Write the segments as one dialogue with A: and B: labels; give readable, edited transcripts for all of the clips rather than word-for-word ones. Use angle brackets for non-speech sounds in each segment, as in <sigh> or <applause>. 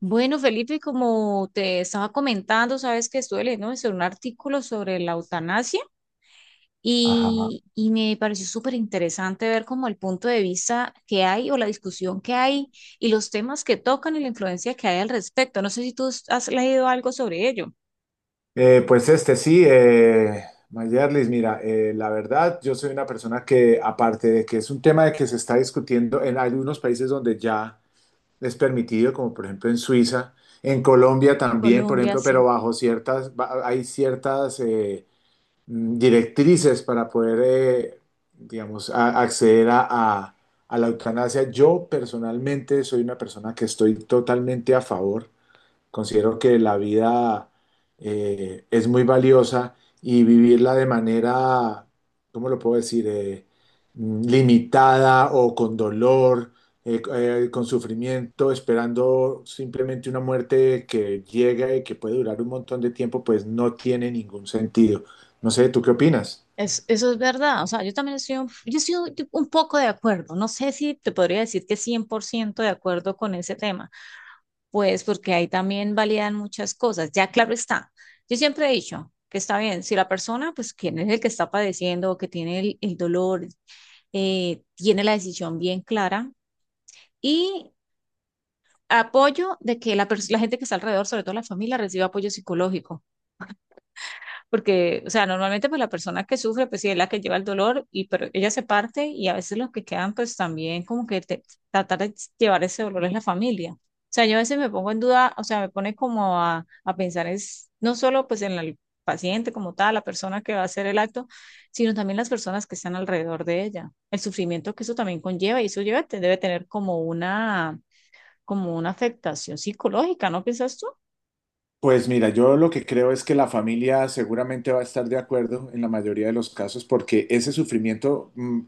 A: Bueno, Felipe, como te estaba comentando, sabes que estuve leyendo sobre un artículo sobre la eutanasia
B: Ajá.
A: y me pareció súper interesante ver como el punto de vista que hay o la discusión que hay y los temas que tocan y la influencia que hay al respecto. No sé si tú has leído algo sobre ello.
B: Eh, pues este sí, eh, Mayerlis, mira, la verdad, yo soy una persona que, aparte de que es un tema de que se está discutiendo en algunos países donde ya es permitido, como por ejemplo en Suiza, en Colombia también, por
A: Colombia,
B: ejemplo, pero
A: sí.
B: bajo hay ciertas directrices para poder, digamos, acceder a la eutanasia. Yo personalmente soy una persona que estoy totalmente a favor. Considero que la vida es muy valiosa y vivirla de manera, ¿cómo lo puedo decir? Limitada o con dolor, con sufrimiento, esperando simplemente una muerte que llega y que puede durar un montón de tiempo, pues no tiene ningún sentido. No sé, ¿tú qué opinas?
A: Eso es verdad, o sea, yo también estoy, yo estoy un poco de acuerdo, no sé si te podría decir que 100% de acuerdo con ese tema, pues porque ahí también validan muchas cosas. Ya claro está. Yo siempre he dicho que está bien, si la persona, pues quien es el que está padeciendo o que tiene el dolor, tiene la decisión bien clara y apoyo de que la gente que está alrededor, sobre todo la familia, reciba apoyo psicológico. Porque, o sea, normalmente pues la persona que sufre, pues sí es la que lleva el dolor, y pero ella se parte y a veces los que quedan pues también como que tratar de llevar ese dolor es la familia. O sea, yo a veces me pongo en duda, o sea, me pone como a pensar es no solo pues en el paciente como tal, la persona que va a hacer el acto, sino también las personas que están alrededor de ella, el sufrimiento que eso también conlleva y eso lleva, debe tener como una afectación psicológica, ¿no piensas tú?
B: Pues mira, yo lo que creo es que la familia seguramente va a estar de acuerdo en la mayoría de los casos porque ese sufrimiento,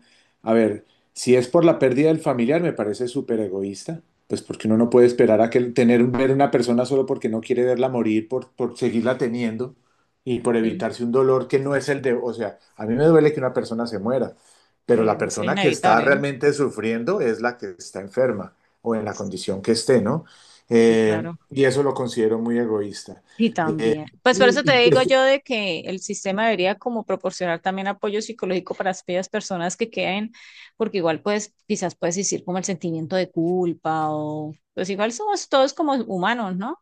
B: a ver, si es por la pérdida del familiar, me parece súper egoísta, pues porque uno no puede esperar a que tener ver una persona solo porque no quiere verla morir, por seguirla teniendo y por
A: Sí.
B: evitarse un dolor que no es el de, o sea, a mí me duele que una persona se muera, pero
A: Que
B: la
A: eso es
B: persona que está
A: inevitable, ¿no?
B: realmente sufriendo es la que está enferma o en la condición que esté, ¿no?
A: Sí, claro.
B: Y eso lo considero muy egoísta.
A: Y
B: Eh,
A: también. Pues por eso
B: y,
A: te
B: y que
A: digo
B: es-
A: yo de que el sistema debería como proporcionar también apoyo psicológico para aquellas personas que queden, porque igual pues quizás puedes decir como el sentimiento de culpa o pues igual somos todos como humanos, ¿no?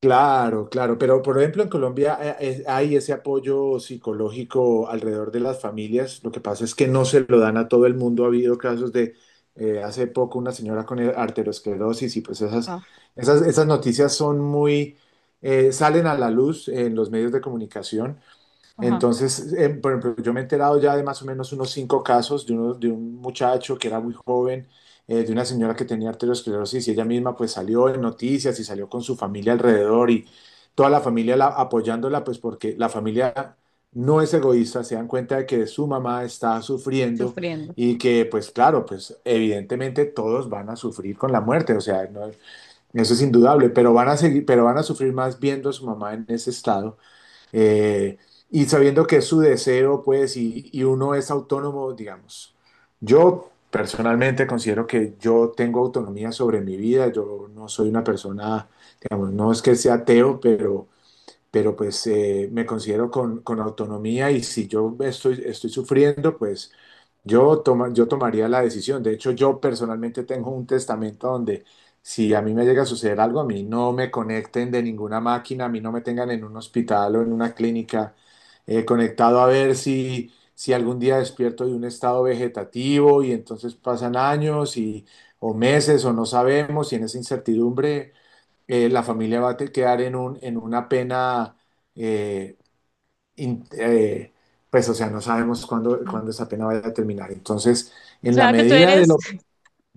B: claro, claro, pero por ejemplo en Colombia hay ese apoyo psicológico alrededor de las familias. Lo que pasa es que no se lo dan a todo el mundo. Ha habido casos de hace poco una señora con arteriosclerosis y pues
A: Ah.
B: esas noticias son muy, salen a la luz en los medios de comunicación.
A: Ajá,
B: Entonces, por ejemplo, yo me he enterado ya de más o menos unos 5 casos de un muchacho que era muy joven, de una señora que tenía arteriosclerosis y ella misma pues salió en noticias y salió con su familia alrededor y toda la familia apoyándola pues porque la familia no es egoísta, se dan cuenta de que su mamá está sufriendo
A: sufriendo.
B: y que pues claro, pues evidentemente todos van a sufrir con la muerte, o sea, no, eso es indudable, pero van a seguir, pero van a sufrir más viendo a su mamá en ese estado eh, y sabiendo que es su deseo, pues, y uno es autónomo, digamos. Yo personalmente considero que yo tengo autonomía sobre mi vida, yo no soy una persona, digamos, no es que sea ateo, pero, pero me considero con autonomía y si yo estoy sufriendo, pues yo tomaría la decisión. De hecho, yo personalmente tengo un testamento donde si a mí me llega a suceder algo, a mí no me conecten de ninguna máquina, a mí no me tengan en un hospital o en una clínica conectado a ver si algún día despierto de un estado vegetativo y entonces pasan años y, o meses o no sabemos y en esa incertidumbre la familia va a quedar en un, en una pena. eh, in- eh, pues, o sea, no sabemos cuándo,
A: Ujú. O
B: cuándo esa pena vaya a terminar. Entonces, en la
A: sea que tú
B: medida de
A: eres.
B: lo...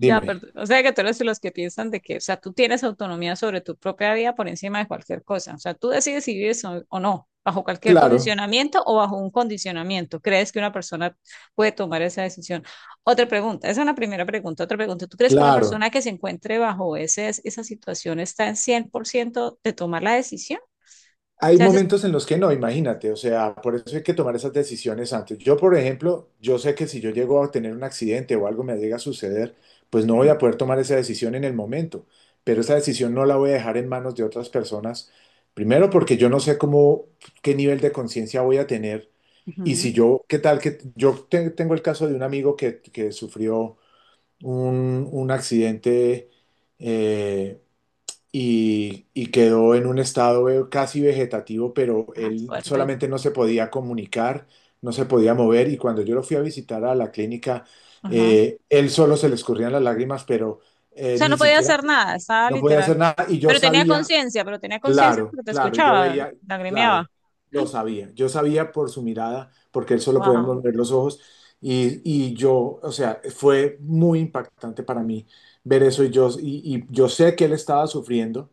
A: Ya, perdón. O sea que tú eres de los que piensan de que, o sea, tú tienes autonomía sobre tu propia vida por encima de cualquier cosa. O sea, tú decides si vives o no, bajo cualquier
B: claro,
A: condicionamiento o bajo un condicionamiento. ¿Crees que una persona puede tomar esa decisión? Otra pregunta, esa es una primera pregunta. Otra pregunta, ¿tú crees que una
B: claro.
A: persona que se encuentre bajo ese, esa situación está en 100% de tomar la decisión? O
B: Hay
A: sea, eso es...
B: momentos en los que no, imagínate, o sea, por eso hay que tomar esas decisiones antes. Yo, por ejemplo, yo sé que si yo llego a tener un accidente o algo me llega a suceder, pues no voy
A: Ujú,
B: a poder tomar esa decisión en el momento, pero esa decisión no la voy a dejar en manos de otras personas. Primero porque yo no sé cómo, qué nivel de conciencia voy a tener. Y
A: ujú.
B: si yo, ¿qué tal que yo tengo el caso de un amigo que sufrió un accidente eh, y quedó en un estado casi vegetativo, pero
A: Ay,
B: él
A: fuerte.
B: solamente no se podía comunicar, no se podía mover y cuando yo lo fui a visitar a la clínica, él solo se le escurrían las lágrimas, pero
A: O sea,
B: ni
A: no podía
B: siquiera
A: hacer nada, estaba
B: no podía
A: literal.
B: hacer nada y yo sabía.
A: Pero tenía conciencia
B: Claro,
A: porque te
B: claro, yo
A: escuchaba,
B: veía,
A: lagrimeaba.
B: claro, lo sabía, yo sabía por su mirada, porque él solo podía
A: Wow.
B: mover los ojos, y yo, o sea, fue muy impactante para mí ver eso, y yo sé que él estaba sufriendo,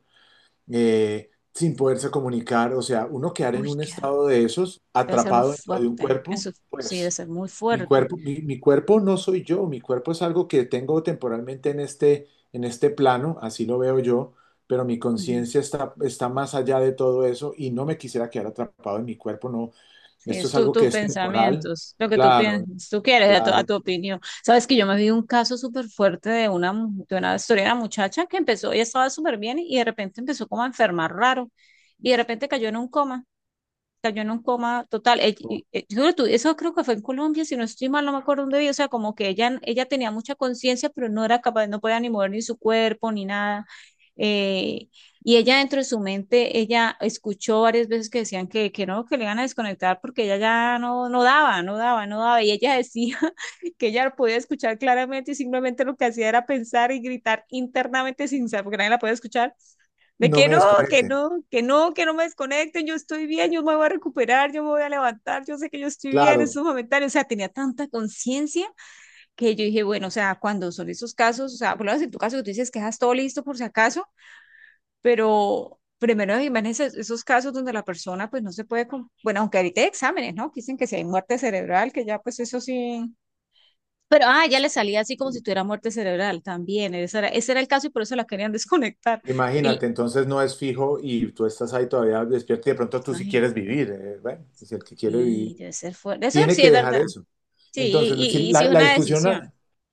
B: sin poderse comunicar, o sea, uno quedar en
A: Uy,
B: un
A: qué.
B: estado de esos,
A: Debe ser muy
B: atrapado dentro de un
A: fuerte.
B: cuerpo,
A: Eso sí, debe
B: pues
A: ser muy
B: mi
A: fuerte.
B: cuerpo, mi cuerpo no soy yo, mi cuerpo es algo que tengo temporalmente en este plano, así lo veo yo, pero mi
A: Ujú.
B: conciencia está, está más allá de todo eso y no me quisiera quedar atrapado en mi cuerpo, no,
A: Sí,
B: esto
A: es
B: es
A: tu,
B: algo que
A: tus
B: es temporal,
A: pensamientos, lo que tú
B: claro,
A: piensas, tú quieres, a
B: claro,
A: tu opinión. Sabes que yo me vi un caso súper fuerte de una, de una historia de una muchacha que empezó, ella estaba súper bien y de repente empezó como a enfermar raro y de repente cayó en un coma. Sea, yo en un coma total.
B: no
A: Yo creo eso creo que fue en Colombia, si no estoy mal, no me acuerdo dónde vi. O sea, como que ella tenía mucha conciencia, pero no era capaz, no podía ni mover ni su cuerpo ni nada. Eh, y ella dentro de su mente, ella escuchó varias veces que decían que no, que le iban a desconectar porque ella ya no, no daba, no daba, no daba. Y ella decía <laughs> que ella podía escuchar claramente y simplemente lo que hacía era pensar y gritar internamente sin saber, porque nadie la podía escuchar de
B: no
A: que
B: me
A: no, que
B: desconecten,
A: no, que no, que no me desconecten, yo estoy bien, yo me voy a recuperar, yo me voy a levantar, yo sé que yo estoy bien,
B: claro.
A: eso es momentáneo, o sea, tenía tanta conciencia que yo dije, bueno, o sea, cuando son esos casos, o sea, por lo menos en tu caso que tú dices que dejas todo listo por si acaso, pero primero imagínense esos casos donde la persona pues no se puede, bueno, aunque ahorita hay exámenes, ¿no? Que dicen que si hay muerte cerebral, que ya pues eso sí. Pero, ah, ya le salía así como si tuviera muerte cerebral también. Ese era el caso y por eso la querían desconectar. Y,
B: Imagínate, entonces no es fijo y tú estás ahí todavía despierto y de pronto tú sí quieres vivir, bueno, si el que quiere vivir
A: sí, debe ser fuerte. Eso
B: tiene
A: sí
B: que
A: es
B: dejar
A: verdad.
B: eso.
A: Sí,
B: Entonces, si
A: y sí es
B: la
A: una
B: discusión,
A: decisión.
B: a-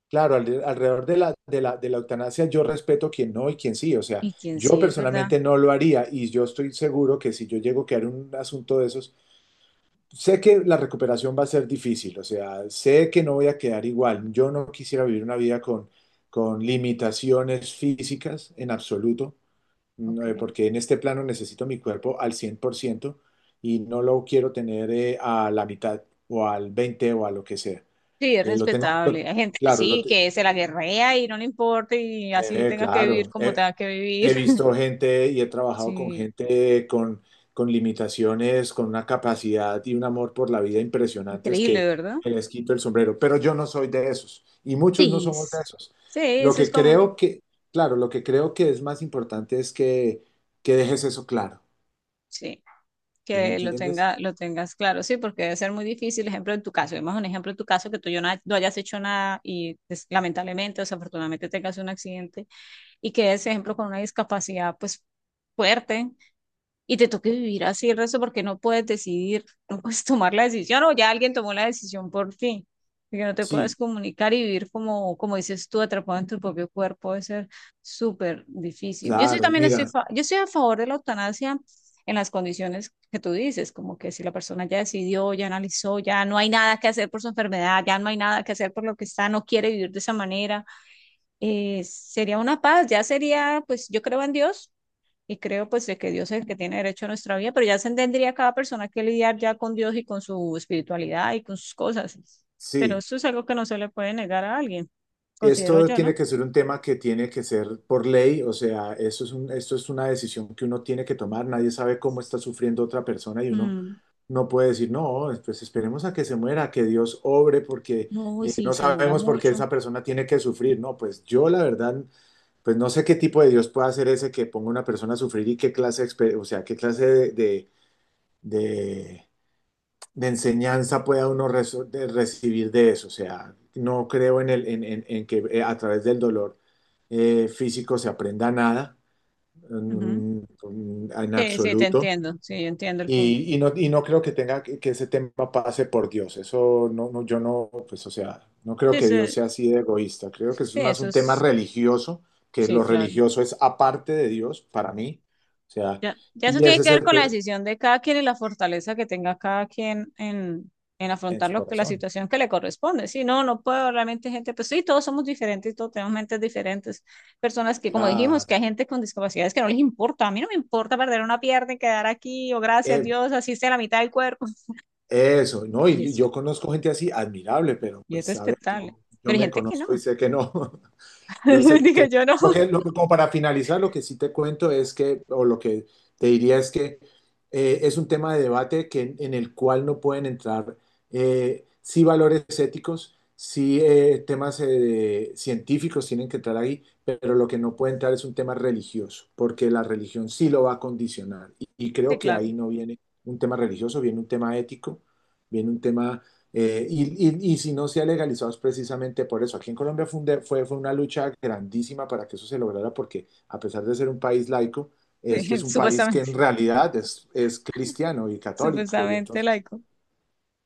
B: claro, alrededor de de la eutanasia, yo respeto quien no y quien sí, o sea,
A: Y quién
B: yo
A: sí, es verdad.
B: personalmente no lo haría y yo estoy seguro que si yo llego a quedar en un asunto de esos, sé que la recuperación va a ser difícil, o sea, sé que no voy a quedar igual, yo no quisiera vivir una vida con limitaciones físicas en absoluto
A: Ok.
B: no, porque en este plano necesito mi cuerpo al 100% y no lo quiero tener a la mitad o al 20 o a lo que sea.
A: Sí, es
B: Eh, lo tengo, lo-
A: respetable. Hay gente que
B: claro, lo
A: sí,
B: te-
A: que se la guerrea y no le importa y así tengas que vivir
B: claro.
A: como tengas que vivir.
B: He
A: <laughs>
B: visto gente y he trabajado con
A: Sí,
B: gente con limitaciones, con una capacidad y un amor por la vida impresionantes
A: increíble,
B: que
A: ¿verdad?
B: les quito el sombrero, pero yo no soy de esos y muchos no
A: Sí,
B: somos de esos.
A: sí,
B: Lo
A: eso es
B: que
A: como,
B: creo que, claro, lo que creo que es más importante es que dejes eso claro.
A: sí,
B: ¿Sí me
A: que
B: entiendes?
A: lo tengas claro, sí, porque debe ser muy difícil, ejemplo, en tu caso, vemos un ejemplo en tu caso que no hayas hecho nada y lamentablemente o desafortunadamente tengas un accidente y quedes, por ejemplo, con una discapacidad pues fuerte y te toque vivir así el resto porque no puedes decidir, <laughs> no puedes tomar la decisión o ya alguien tomó la decisión por ti. Y que no te
B: Sí,
A: puedas comunicar y vivir como, como dices tú, atrapado en tu propio cuerpo, debe ser súper difícil. Yo sí
B: claro,
A: también estoy,
B: mira,
A: yo estoy a favor de la eutanasia en las condiciones que tú dices, como que si la persona ya decidió, ya analizó, ya no hay nada que hacer por su enfermedad, ya no hay nada que hacer por lo que está, no quiere vivir de esa manera, sería una paz, ya sería, pues yo creo en Dios y creo pues de que Dios es el que tiene derecho a nuestra vida, pero ya se tendría cada persona que lidiar ya con Dios y con su espiritualidad y con sus cosas. Pero
B: sí.
A: eso es algo que no se le puede negar a alguien, considero
B: Esto
A: yo,
B: tiene
A: ¿no?
B: que ser un tema que tiene que ser por ley, o sea, eso es un, esto es una decisión que uno tiene que tomar. Nadie sabe cómo está sufriendo otra persona y uno
A: Mm.
B: no puede decir, no, pues esperemos a que se muera, que Dios obre, porque
A: No, y sí,
B: no
A: se demora
B: sabemos por qué
A: mucho.
B: esa persona tiene que sufrir. No, pues yo la verdad, pues no sé qué tipo de Dios puede hacer ese que ponga a una persona a sufrir y qué clase, o sea, qué clase de, de, de enseñanza pueda uno de recibir de eso. O sea, no creo en, el, en que a través del dolor físico se aprenda nada,
A: Ujú.
B: en, en
A: Sí, sí, te
B: absoluto.
A: entiendo, sí, yo entiendo el punto.
B: Y no, y no creo que tenga que ese tema pase por Dios. Eso no, no, yo no, pues, o sea, no creo
A: Sí,
B: que
A: sí,
B: Dios sea así de egoísta. Creo que es
A: sí,
B: más
A: eso
B: un tema
A: es,
B: religioso, que
A: sí,
B: lo
A: claro.
B: religioso es aparte de Dios para mí. O sea,
A: Ya, ya eso
B: y
A: tiene
B: ese es
A: que ver
B: el
A: con la decisión de cada quien y la fortaleza que tenga cada quien en
B: en
A: afrontar
B: su
A: lo que, la
B: corazón.
A: situación que le corresponde. Si no, no puedo realmente gente, pues sí, todos somos diferentes, todos tenemos mentes diferentes. Personas que, como dijimos, que hay
B: Claro.
A: gente con discapacidades que no les importa. A mí no me importa perder una pierna y quedar aquí, o gracias a
B: Eh,
A: Dios, así sea la mitad del cuerpo. <laughs>
B: Eso, ¿no?
A: Y
B: Y
A: eso,
B: yo conozco gente así, admirable, pero
A: y es
B: pues a ver, yo,
A: respetable.
B: yo
A: Pero hay
B: me
A: gente que no.
B: conozco y sé que no. <laughs> Yo sé
A: <laughs>
B: que
A: Dije
B: no.
A: yo no.
B: Como para finalizar, lo que sí te cuento es que, o lo que te diría es que es un tema de debate que, en el cual no pueden entrar sí valores éticos, sí temas científicos tienen que entrar ahí, pero lo que no puede entrar es un tema religioso, porque la religión sí lo va a condicionar. Y
A: Sí,
B: creo que
A: claro.
B: ahí no viene un tema religioso, viene un tema ético, viene un tema y si no se ha legalizado es precisamente por eso. Aquí en Colombia fue, fue una lucha grandísima para que eso se lograra, porque a pesar de ser un país laico,
A: Sí,
B: este
A: <laughs>
B: es un país que
A: supuestamente,
B: en realidad es cristiano y católico. Y
A: supuestamente
B: entonces,
A: laico.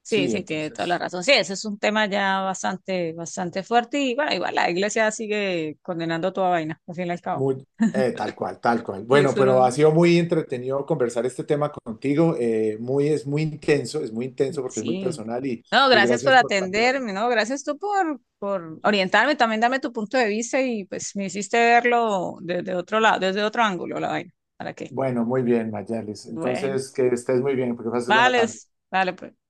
A: Sí,
B: sí,
A: sí, tiene toda la
B: entonces,
A: razón. Sí, ese es un tema ya bastante, bastante fuerte y bueno, igual la iglesia sigue condenando toda vaina, al fin y al cabo.
B: muy, tal cual, tal cual.
A: Y
B: Bueno,
A: eso no,
B: pero ha sido muy entretenido conversar este tema contigo. Muy, es muy intenso porque es muy
A: sí.
B: personal
A: No,
B: y
A: gracias por
B: gracias por plantearlo.
A: atenderme, no, gracias tú por orientarme, también darme tu punto de vista y pues me hiciste verlo desde otro lado, desde otro ángulo la vaina. ¿Para qué?
B: Bueno, muy bien, Mayalis.
A: Bueno,
B: Entonces, que estés muy bien, porque pases buena
A: vale,
B: tarde.
A: vale, pues.